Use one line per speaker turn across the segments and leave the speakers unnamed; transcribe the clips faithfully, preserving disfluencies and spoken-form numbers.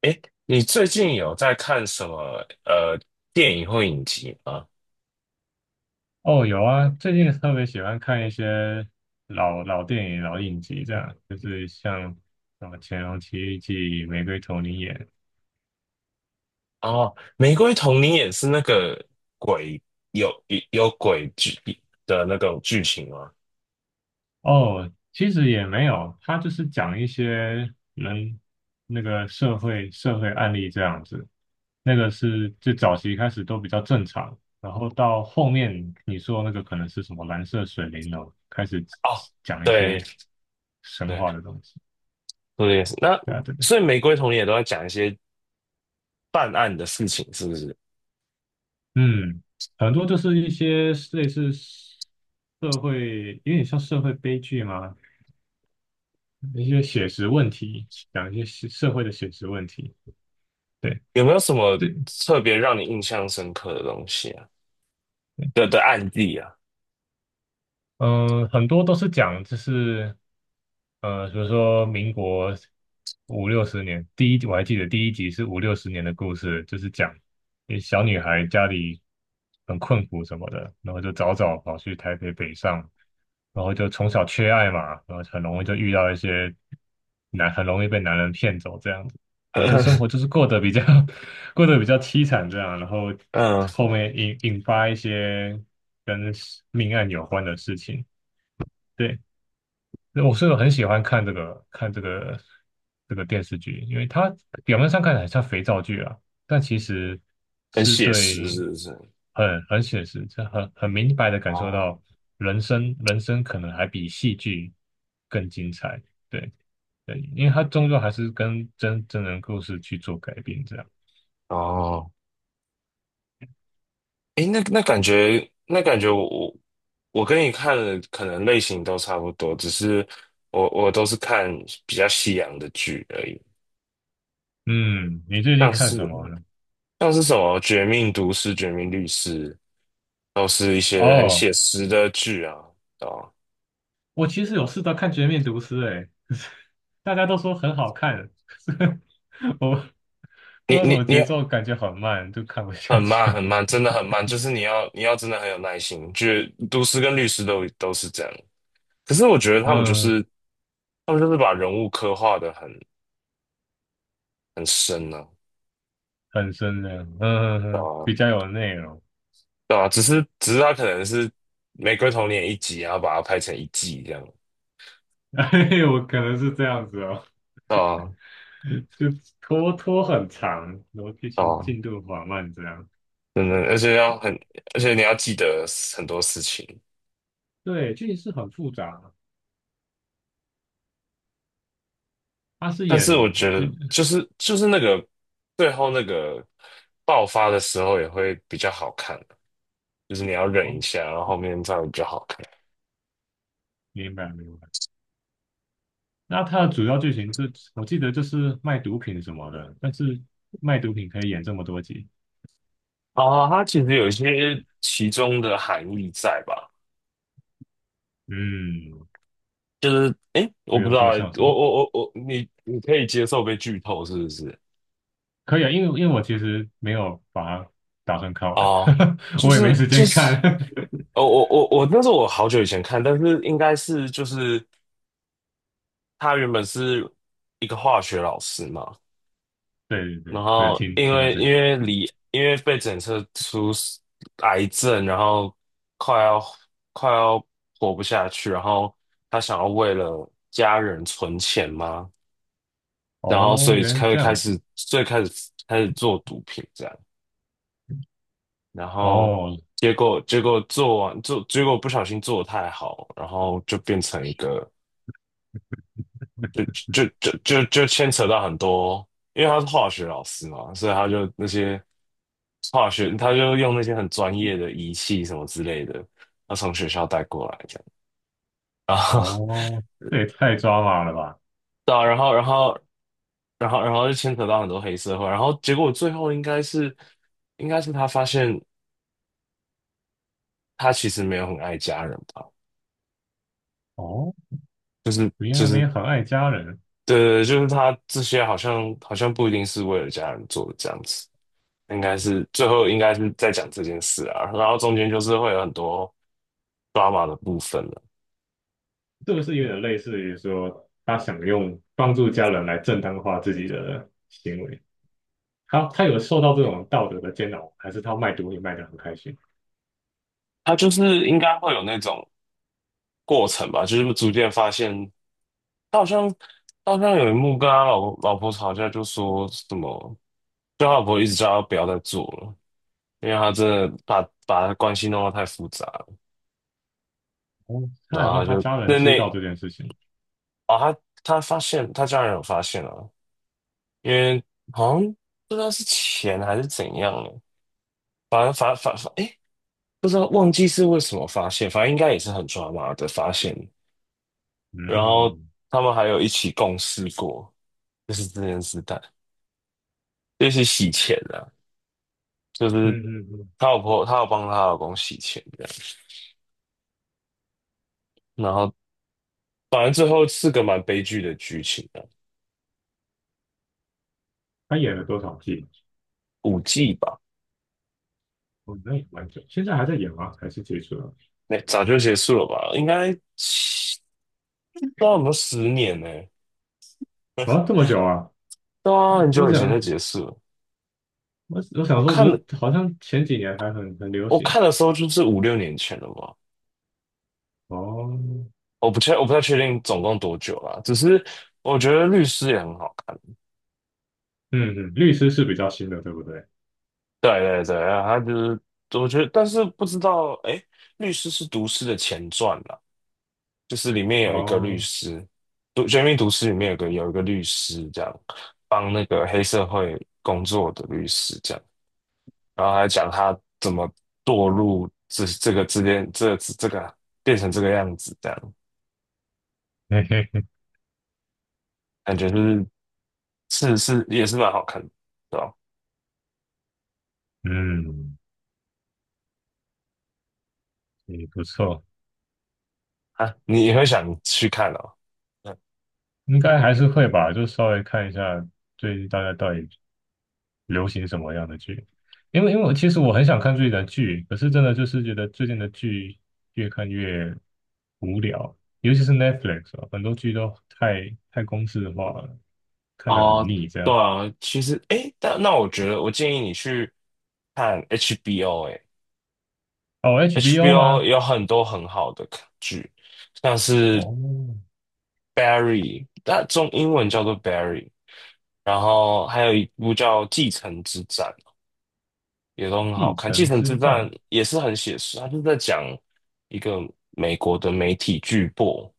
哎，你最近有在看什么呃电影或影集吗？
哦，有啊，最近特别喜欢看一些老老电影、老影集，这样就是像什么《乾隆奇遇记》《玫瑰童林演》。
哦，《玫瑰童你也是那个鬼有有鬼剧的那种剧情吗？
哦，其实也没有，他就是讲一些人那个社会社会案例这样子。那个是最早期开始都比较正常，然后到后面你说那个可能是什么蓝色水灵楼，开始
哦，
讲一
对
些神
对，
话的东西。
我也是。那
对啊。
所以《玫瑰童林》也都在讲一些办案的事情，是不是？
嗯，很多就是一些类似社会，有点像社会悲剧嘛，一些写实问题，讲一些社社会的写实问题。对
有没有什么
对
特别让你印象深刻的东西啊？
对。
的的案例啊？
嗯，很多都是讲就是，呃，比如说民国五六十年，第一集我还记得第一集是五六十年的故事，就是讲一小女孩家里很困苦什么的，然后就早早跑去台北北上，然后就从小缺爱嘛，然后很容易就遇到一些男，很容易被男人骗走这样子，然后就生活就 是过得比较 过得比较凄惨这样，然后
嗯，
后面引引发一些跟命案有关的事情。对，那我是很喜欢看这个看这个这个电视剧，因为它表面上看起来像肥皂剧啊，但其实
很
是
写实，
对
是不是？
很很写实，这很很明白的感受
哦
到人生人生可能还比戏剧更精彩。对对，因为它终究还是跟真真人故事去做改编这样。
哦，诶，那那感觉，那感觉我，我我跟你看的可能类型都差不多，只是我我都是看比较西洋的剧而已，
嗯，你最近
像
看什
是
么呢？
像是什么《绝命毒师》《绝命律师》，都是一些很
哦。
写实的剧啊。哦，
我其实有试着看《绝命毒师》欸，可是大家都说很好看，可是我不知
你
道什
你
么
你
节奏，感觉很慢，就看不下
很慢很
去。
慢，真的很慢，就是你要你要真的很有耐心。就是毒师跟律师都都是这样，可是我觉得他们就
嗯，
是他们就是把人物刻画的很很深呢、啊。
很深的。嗯，嗯
对
嗯比
啊
较有内容。
对啊，只是只是他可能是《玫瑰童年》一集，然后把它拍成一季这样。
哎，我可能是这样子哦，
对啊，
就拖拖很长，然后剧
对
情
啊，
进度缓慢这样。
真的，而且要很，而且你要记得很多事情。
对，剧情是很复杂，他是
但
演
是我觉
就。
得，就是就是那个最后那个爆发的时候也会比较好看，就是你要忍
哦，
一下，然后后面再比较好看。
明白明白。那它的主要剧情就我记得就是卖毒品什么的，但是卖毒品可以演这么多集。
哦，它其实有一些其中的含义在吧？
嗯，
就是，诶，我
比
不
如
知道
说
欸
像什
我
么，
我我我，你你可以接受被剧透是不是？
可以啊，因为因为我其实没有把它打算看完。
哦，就
我也没
是
时
就
间
是，
看。
哦，我我我那是我好久以前看，但是应该是就是他原本是一个化学老师嘛，
对对
然
对，我有
后
听
因
听到
为
这
因
个。
为离因为被检测出癌症，然后快要快要活不下去，然后他想要为了家人存钱嘛，然后
哦，
所以
原来是
开
这
开
样子。
始最开始开始做毒品这样。然后
哦
结果结果做完做结果不小心做的太好，然后就变成一个就就就就就牵扯到很多，因为他是化学老师嘛，所以他就那些化学他就用那些很专业的仪器什么之类的，他从学校带过来这样，然后
哦，这也太抓马了吧。
对啊然后然后然后然后就牵扯到很多黑社会，然后结果最后应该是应该是他发现他其实没有很爱家人吧。
哦，
就
原
就是
来没
是。
有很爱家人。
对，对就是他这些好像好像不一定是为了家人做的这样子，应该是最后应该是在讲这件事啊，然后中间就是会有很多 drama 的部分了。
这个是有点类似于说他想用帮助家人来正当化自己的行为。他他有受到这种道德的煎熬，还是他卖毒也卖得很开心？
他就是应该会有那种过程吧，就是逐渐发现他好像他好像有一幕跟他老老婆吵架，就说什么，就他老婆一直叫他不要再做了，因为他真的把把他关系弄得太复杂了
哦，
然
他有
后
让
他
他
就
家人
那
知道
那
这件事情。
哦，他他发现他家人有发现了。因为好像不知道是钱还是怎样了，反正发发发，哎，不知道忘记是为什么发现，反正应该也是很抓马的发现。然后
嗯
他们还有一起共事过，就是这件事但就是洗钱的，就
嗯
是
嗯嗯，
她老婆，她有帮她老公洗钱的。然后反正最后是个蛮悲剧的剧情啊，
他演了多少季？
五季吧，
哦，那也蛮久，现在还在演吗？还是结束了？
那早就结束了吧？应该七不知道有没有十年呢、
啊，这么久啊！
对啊，很
我
久以前就
想，
结束了。
我我
我
想说，不
看了。
是，好像前几年还很很流
我
行。
看的时候就是五六年前了吧，
哦。
我不确我不太确定总共多久啦，只是我觉得律师也很好看，
嗯嗯，律师是比较新的，对不对？
对对对，他就是我觉得，但是不知道哎，律师是毒师的前传啦，就是里面有一个律
哦。
师，毒绝命毒师里面有个有一个律师这样帮那个黑社会工作的律师这样，然后还讲他怎么堕入这这个之间这这个变成这个样子这样。
嘿嘿嘿。
感觉就是是是也是蛮好看的，对吧？
嗯，也不错。
啊，你也会想去看哦。嗯
应该还是会吧，就稍微看一下最近大家到底流行什么样的剧？因为因为我其实我很想看最近的剧，可是真的就是觉得最近的剧越看越无聊，尤其是 Netflix 啊，很多剧都太太公式化了，看得很
哦，
腻这
对
样。
啊，其实诶，但那我觉得我建议你去看 H B O，诶
哦，H B O
，H B O
吗？
有很多很好的剧，像是
哦，
Barry，那中英文叫做 Barry，然后还有一部叫《继承之战》，也都很好
《继
看。《继
城
承
之
之
战》。
战》也是很写实，它就是在讲一个美国的媒体巨擘，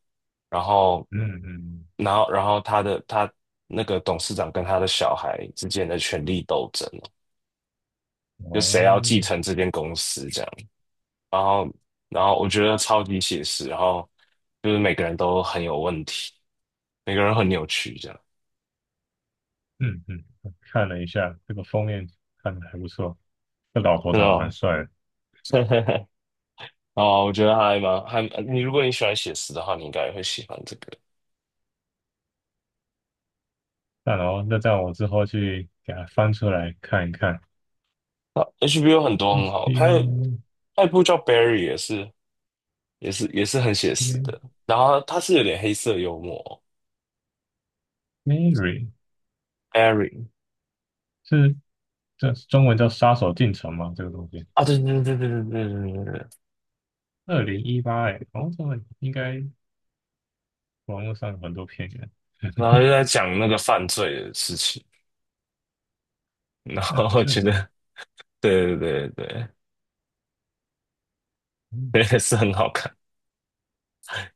然后
嗯嗯。
然后然后他的他那个董事长跟他的小孩之间的权力斗争哦，
嗯
就谁要继
哦。
承这间公司这样，然后然后我觉得超级写实，然后就是每个人都很有问题，每个人很扭曲这样，
嗯嗯，看了一下这个封面，看的还不错，这老头
真
长
的
得蛮
吗？
帅的。
哦，我觉得还蛮还你如果你喜欢写实的话，你应该也会喜欢这个。
那然后那这样我之后去给他翻出来看一看。
啊 H B O 很多很好，还有
H B O。
还有一部叫《Barry》也是也是也是很写实的，
嗯
然后它是有点黑色幽默，
Mary
《Barry》
是这中文叫《杀手进城》吗？这个东西，
啊，对对对对对对对对对，
二零一八哎。哦，这个应该网络上有很多片源。
然后 就在讲那个犯罪的事情，然
哎，
后我
所以
觉得，对对对对
嗯，
对，也是很好看，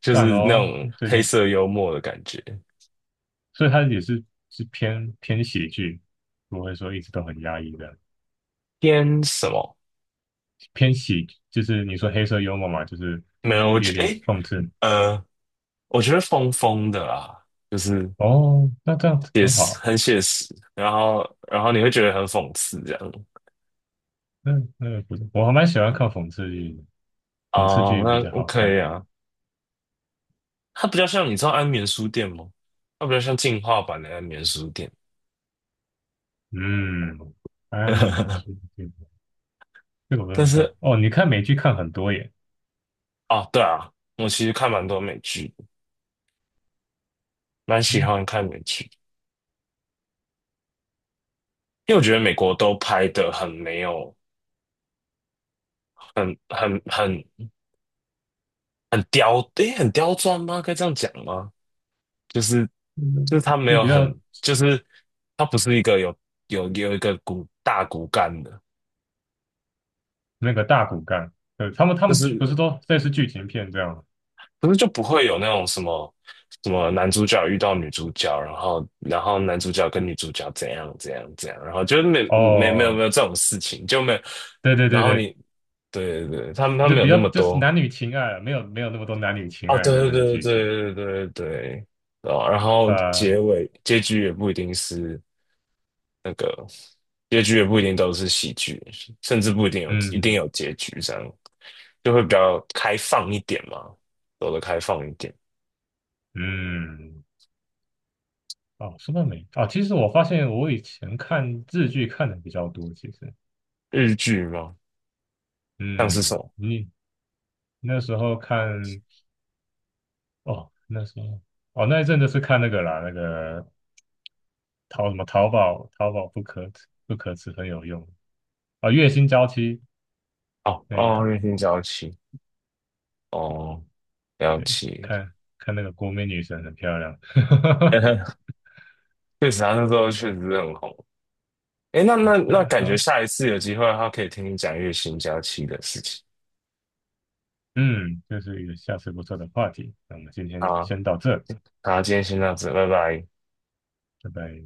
就
赞
是那
哦，
种
最
黑
近，
色幽默的感觉。
所以它也是是偏偏喜剧，不会说一直都很压抑的，
偏什么？
偏喜就是你说黑色幽默嘛，就是
没有，我
有
觉得，
点
诶，
讽刺。
呃，我觉得疯疯的啦，就是
哦，那这样子
也
很
是
好。
很写实，然后然后你会觉得很讽刺这样。
那那不是，我还蛮喜欢看讽刺剧的，讽刺
哦，
剧比
那
较好看。
OK 啊，它比较像，你知道安眠书店吗？它比较像进化版的安眠书店。
嗯，安利世界，这个，我都
但
没看
是
过。哦，你看美剧看很多耶。
哦，对啊，我其实看蛮多美剧的，蛮喜
嗯。
欢看美剧，因为我觉得美国都拍的很没有，很很很很刁，诶，很刁钻吗？该这样讲吗？就是就是
嗯
他没
就是
有
比较
很，就是他不是一个有有有一个骨大骨干的，
那个大骨干。对，他们他
就
们剧
是
不是都类似剧情片这样吗？
可是就不会有那种什么什么男主角遇到女主角，然后然后男主角跟女主角怎样怎样怎样，然后就是没没没有
哦，
没有这种事情，就没有。
对对
然
对
后
对，
你对对对，他们他
就
们有
比
那
较
么
就是
多
男女情爱了没有没有那么多男女情
哦，
爱的
对
这个
对
剧
对
情。
对对对对，哦，然后
啊。
结尾结局也不一定是那个结局也不一定都是喜剧，甚至不一定有一定
嗯
有结局，这样就会比较开放一点嘛，走的开放一点。
嗯。哦，说到美，哦，其实我发现我以前看日剧看的比较多，其实。
日剧吗？像是什
嗯，
么？
你那时候看。哦，那时候，哦，那一阵就是看那个啦，那个淘什么淘宝，淘宝不可不可耻很有用啊，月薪娇妻
哦
那
哦，
个，
月薪娇妻，哦，了解。
看看那个国民女神很漂亮。
确实啊，他那时候确实是很红。诶，那那
对
那，
啊，
感
然
觉
后
下一次有机会的话，可以听你讲月薪娇妻的事情。
嗯，这是一个下次不错的话题，那我们今
好
天
啊，
先到这，
好，今天先到这，拜拜。
拜拜。